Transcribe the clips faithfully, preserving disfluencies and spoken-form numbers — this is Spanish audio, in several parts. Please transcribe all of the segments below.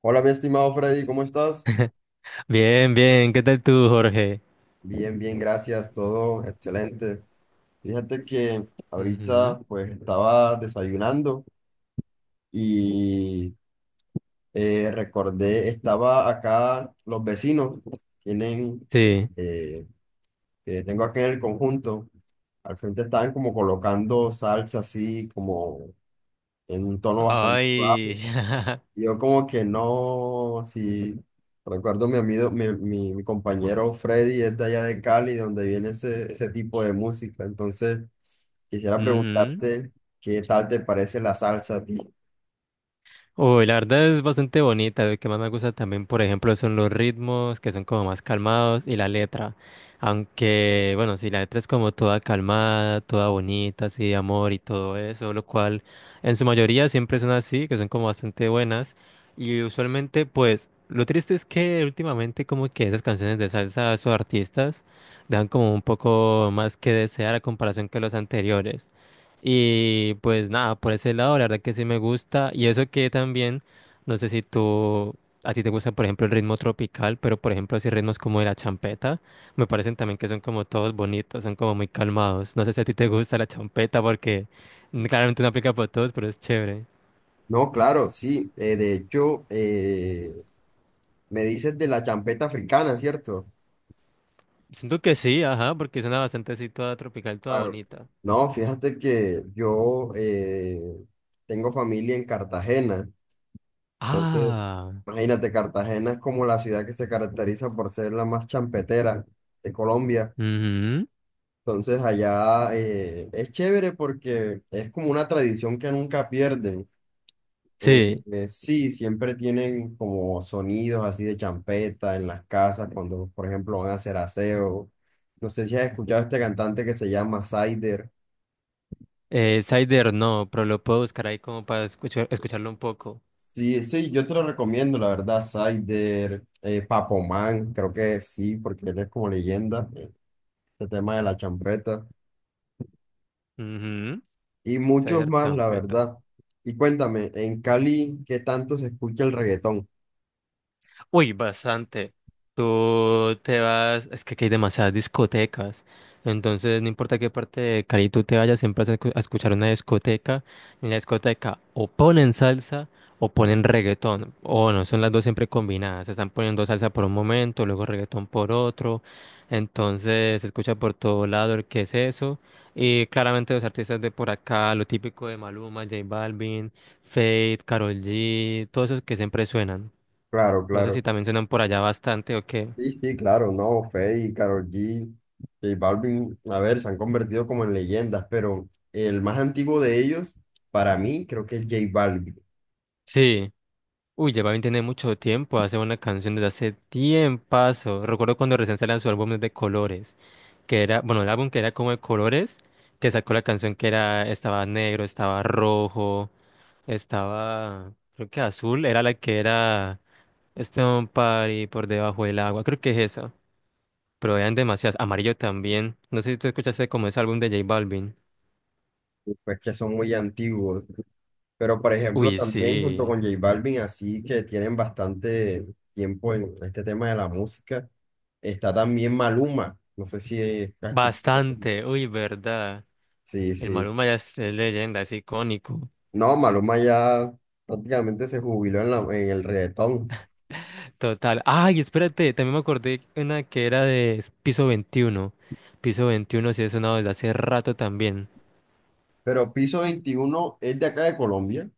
Hola, mi estimado Freddy, ¿cómo estás? Bien, bien, ¿qué tal tú, Jorge? Bien, bien, gracias, todo excelente. Fíjate que Ujú. ahorita pues estaba desayunando y eh, recordé, estaba acá, los vecinos tienen, Sí. eh, que tengo acá en el conjunto, al frente estaban como colocando salsa así, como en un tono bastante. Ay, Yo como que no, si recuerdo mi amigo, mi, mi, mi compañero Freddy es de allá de Cali, donde viene ese, ese tipo de música. Entonces, quisiera ujú. preguntarte qué tal te parece la salsa a ti. Uy, la verdad es bastante bonita. Lo que más me gusta también, por ejemplo, son los ritmos, que son como más calmados, y la letra. Aunque, bueno, sí, la letra es como toda calmada, toda bonita, así de amor y todo eso, lo cual en su mayoría siempre son así, que son como bastante buenas. Y usualmente, pues, lo triste es que últimamente como que esas canciones de salsa, sus artistas, dan como un poco más que desear a comparación que los anteriores. Y pues nada, por ese lado, la verdad que sí me gusta. Y eso que también, no sé si tú, a ti te gusta, por ejemplo, el ritmo tropical, pero por ejemplo, así ritmos como de la champeta, me parecen también que son como todos bonitos, son como muy calmados. No sé si a ti te gusta la champeta porque mm, claramente no aplica para todos, pero es chévere. No, claro, sí. Eh, de hecho, eh, me dices de la champeta africana, ¿cierto? Siento que sí, ajá, porque suena bastante así toda tropical, toda Claro. bonita. No, fíjate que yo eh, tengo familia en Cartagena. Entonces, Ah, imagínate, Cartagena es como la ciudad que se caracteriza por ser la más champetera de Colombia. ujú. Entonces allá eh, es chévere porque es como una tradición que nunca pierden. Eh, Sí, eh, Sí, siempre tienen como sonidos así de champeta en las casas cuando, por ejemplo, van a hacer aseo. No sé si has escuchado a este cantante que se llama Cider. eh, Cider no, pero lo puedo buscar ahí como para escuchar, escucharlo un poco. Sí, sí, yo te lo recomiendo, la verdad, Cider, eh, Papo Man, creo que sí, porque él es como leyenda, este tema de la champeta. Ujú. Y muchos Ceder más, la champeta. verdad. Y cuéntame, en Cali, ¿qué tanto se escucha el reggaetón? Uy, bastante. Tú te vas, es que aquí hay demasiadas discotecas. Entonces, no importa qué parte de Cali tú te vayas, siempre vas a escu- a escuchar una discoteca. En la discoteca o ponen salsa o ponen reggaetón. O no, son las dos siempre combinadas. Se están poniendo salsa por un momento, luego reggaetón por otro. Entonces, se escucha por todo lado el qué es eso. Y claramente los artistas de por acá, lo típico de Maluma, J Balvin, Fate, Karol G, todos esos que siempre suenan. Claro, No sé claro. si también suenan por allá bastante o qué. Sí, sí, claro, no, Feid, Karol G, J Balvin, a ver, se han convertido como en leyendas, pero el más antiguo de ellos, para mí, creo que es J Balvin, Sí. Uy, Balvin tiene mucho tiempo. Hace una canción desde hace tiempazo. Recuerdo cuando recién salió su álbum de colores. Que era, bueno, el álbum que era como de colores. Que sacó la canción que era, estaba negro, estaba rojo, estaba, creo que azul. Era la que era Stone Party por debajo del agua. Creo que es eso. Pero eran demasiadas. Amarillo también. No sé si tú escuchaste como ese álbum de J Balvin. pues que son muy antiguos, pero por ejemplo, Uy, también junto sí. con J Balvin, así que tienen bastante tiempo en este tema de la música, está también Maluma, no sé si es... Bastante. Uy, verdad. Sí, El sí. Maluma ya es, es leyenda, es icónico. No, Maluma ya prácticamente se jubiló en, la- en el reggaetón. Total. Ay, espérate, también me acordé una que era de Piso veintiuno. Piso veintiuno sí es sonado desde hace rato también. Pero Piso Veintiuno es de acá de Colombia.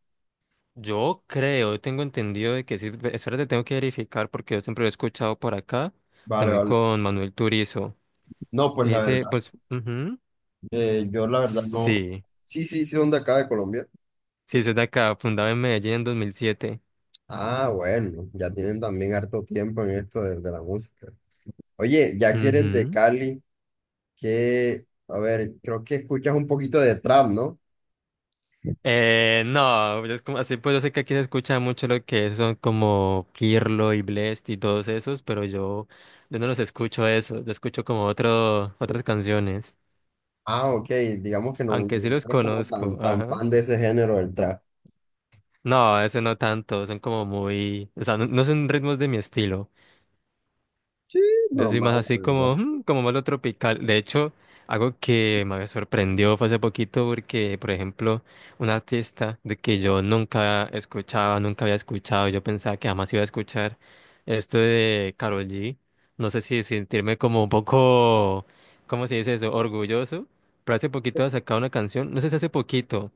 Yo creo, tengo entendido de que sí. ve- Espérate, tengo que verificar porque yo siempre lo he escuchado por acá. Vale, También vale. con Manuel Turizo. No, pues la Ese, verdad, pues, ujú, eh, yo la verdad no. sí, Sí, sí, sí, son de acá de Colombia. sí, eso es de acá, fundado en Medellín en dos mil siete. Ah, bueno, ya tienen también harto tiempo en esto de, de la música. Oye, ya que eres de Ujú. Cali, que, a ver, creo que escuchas un poquito de trap, ¿no? Eh, no, es como así, pues yo sé que aquí se escucha mucho lo que son como Kirlo y Blest y todos esos, pero yo, yo no los escucho eso, yo escucho como otro, otras canciones, Ah, ok, digamos que no, aunque sí no los eres como conozco, tan, tan ajá. fan de ese género del trap. No, ese no tanto, son como muy, o sea, no, no son ritmos de mi estilo. Sí, Yo soy más normal, la así verdad. como, "Mm, como malo tropical". De hecho, algo que me sorprendió fue hace poquito porque, por ejemplo, un artista de que yo nunca escuchaba, nunca había escuchado, yo pensaba que jamás iba a escuchar esto de Karol G. No sé si sentirme como un poco, ¿cómo se dice eso? Orgulloso. Pero hace poquito ha sacado una canción, no sé si hace poquito,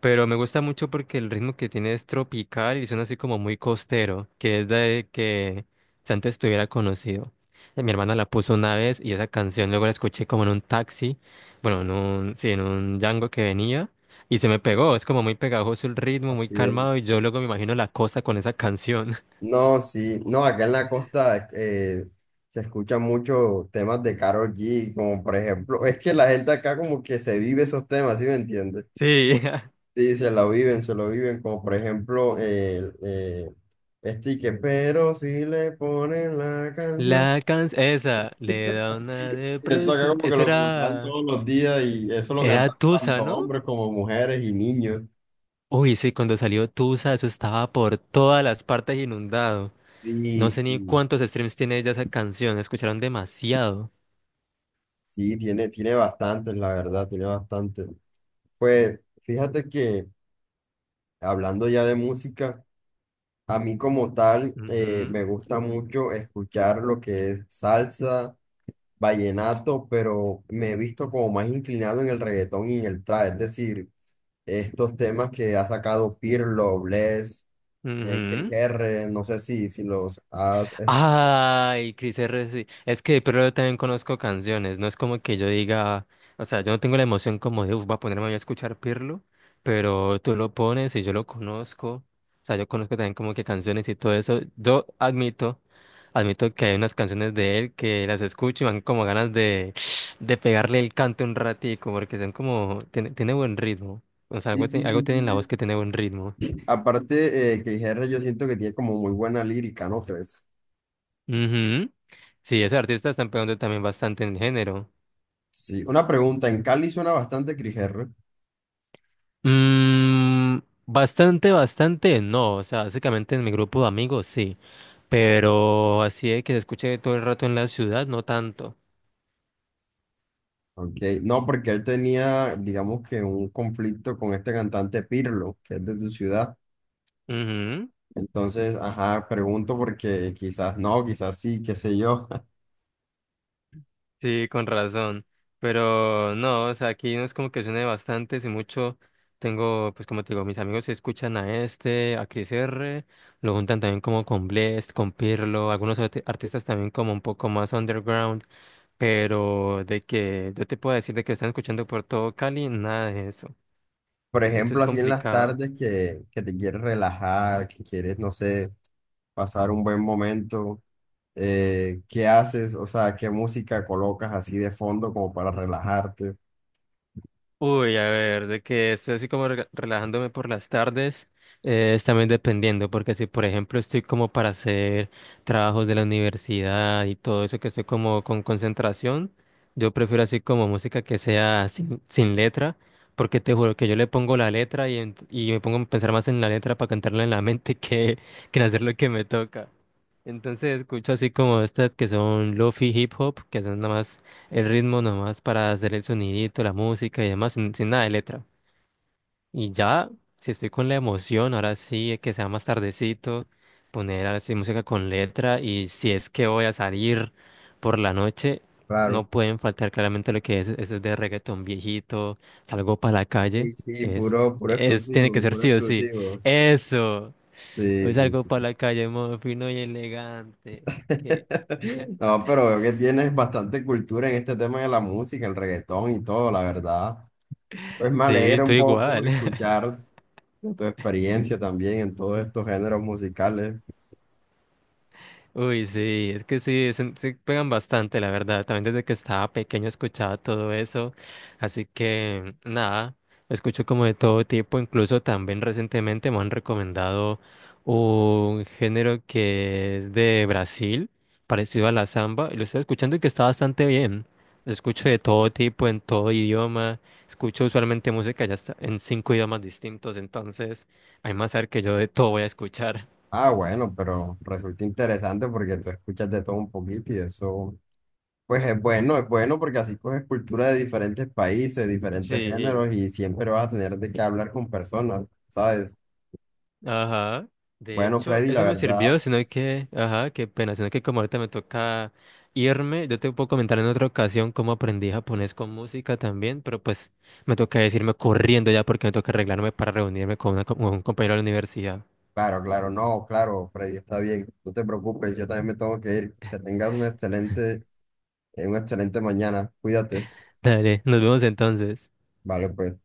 pero me gusta mucho porque el ritmo que tiene es tropical y suena así como muy costero, que es de que si antes estuviera conocido. Mi hermana la puso una vez y esa canción luego la escuché como en un taxi, bueno, en un, sí, en un Django que venía y se me pegó. Es como muy pegajoso el ritmo, muy Así calmado es. y yo luego me imagino la costa con esa canción. No, sí, no, acá en la costa eh, se escuchan muchos temas de Karol G, como por ejemplo, es que la gente acá como que se vive esos temas, ¿sí me entiendes? Sí, Sí, se lo viven, se lo viven, como por ejemplo, el eh, este que, pero si le ponen la canción. la canción, esa, le da una Sí, esto acá depresión. como que Eso lo cantan era, todos los días y eso lo era cantan Tusa, tanto ¿no? hombres como mujeres y niños. Uy, sí, cuando salió Tusa, eso estaba por todas las partes inundado. No Sí, sé ni sí, cuántos streams tiene ella esa canción, la escucharon demasiado. sí, tiene, tiene bastantes, la verdad, tiene bastantes. Pues fíjate que... hablando ya de música, a mí como tal eh, Ujú, me gusta mucho escuchar lo que es salsa, vallenato, pero me he visto como más inclinado en el reggaetón y en el trap, es decir, estos temas que ha sacado Pirlo, Bless, eh, Cris ujú. R, no sé si, si los has... es- Ay, Cris R. sí. Es que, pero yo también conozco canciones. No es como que yo diga, o sea, yo no tengo la emoción como de, uff, voy a ponerme a escuchar Pirlo, pero tú lo pones y yo lo conozco. O sea, yo conozco también como que canciones y todo eso. Yo admito, admito que hay unas canciones de él que las escucho y me dan como ganas de, de pegarle el canto un ratico, porque son como, tiene, tiene buen ritmo. O sea, Sí, algo, sí, tiene- algo sí, tiene sí, en la voz sí. que tiene buen ritmo. Aparte, eh, Cris R yo siento que tiene como muy buena lírica, ¿no crees? Ujú. Sí, esos artistas están pegando también bastante en género. Sí, una pregunta, ¿en Cali suena bastante Cris R? Mm, bastante, bastante, no. O sea, básicamente en mi grupo de amigos sí. Pero así de que se escuche todo el rato en la ciudad, no tanto. Ok. No, porque él tenía, digamos que un conflicto con este cantante Pirlo, que es de su ciudad. Ujú, Entonces, ajá, pregunto porque quizás no, quizás sí, qué sé yo. sí, con razón. Pero no, o sea, aquí no es como que suene bastante, si mucho tengo, pues como te digo, mis amigos se escuchan a este, a Chris R, lo juntan también como con Blest, con Pirlo, algunos arte- artistas también como un poco más underground, pero de que yo te puedo decir de que lo están escuchando por todo Cali, nada de eso. Por De hecho, es ejemplo, así en las complicado. tardes que, que te quieres relajar, que quieres, no sé, pasar un buen momento, eh, ¿qué haces? O sea, ¿qué música colocas así de fondo como para relajarte? Uy, a ver, de que estoy así como rega- relajándome por las tardes, eh, es también dependiendo, porque si, por ejemplo, estoy como para hacer trabajos de la universidad y todo eso, que estoy como con concentración, yo prefiero así como música que sea sin, sin letra, porque te juro que yo le pongo la letra y, ent- y me pongo a pensar más en la letra para cantarla en la mente que, que en hacer lo que me toca. Entonces escucho así como estas que son lofi hip hop, que son nada más el ritmo nomás para hacer el sonidito, la música y demás, sin, sin nada de letra. Y ya, si estoy con la emoción, ahora sí, que sea más tardecito, poner ahora sí música con letra y si es que voy a salir por la noche, Claro. no pueden faltar claramente lo que es, eso es de reggaetón viejito, salgo para la calle, Uy, sí, es, puro, puro es, tiene que exclusivo, ser puro sí o sí, exclusivo. eso, Sí, hoy sí, salgo sí. para la calle, modo fino y elegante. Que No, pero veo que tienes bastante cultura en este tema de la música, el reggaetón y todo, la verdad. Pues me sí, alegra un estoy poco igual. escuchar de tu experiencia también en todos estos géneros musicales. Uy, sí, es que sí, son- sí pegan bastante, la verdad. También desde que estaba pequeño escuchaba todo eso. Así que, nada, escucho como de todo tipo. Incluso también recientemente me han recomendado un género que es de Brasil, parecido a la samba. Y lo estoy escuchando y que está bastante bien. Lo escucho de todo tipo, en todo idioma. Escucho usualmente música ya está en cinco idiomas distintos. Entonces, hay más saber que yo de todo voy a escuchar. Ah, bueno, pero resulta interesante porque tú escuchas de todo un poquito y eso, pues es bueno, es bueno porque así coges cultura de diferentes países, diferentes Sí. géneros y siempre vas a tener de qué hablar con personas, ¿sabes? Ajá. De Bueno, hecho, Freddy, la eso me verdad. sirvió, sino que, ajá, qué pena, sino que como ahorita me toca irme, yo te puedo comentar en otra ocasión cómo aprendí japonés con música también, pero pues me toca decirme corriendo ya porque me toca arreglarme para reunirme con, una co- con un compañero de la universidad. Claro, claro, no, claro, Freddy, está bien, no te preocupes, yo también me tengo que ir. Que tengas un excelente, eh, una excelente mañana, cuídate, Dale, nos vemos entonces. vale, pues.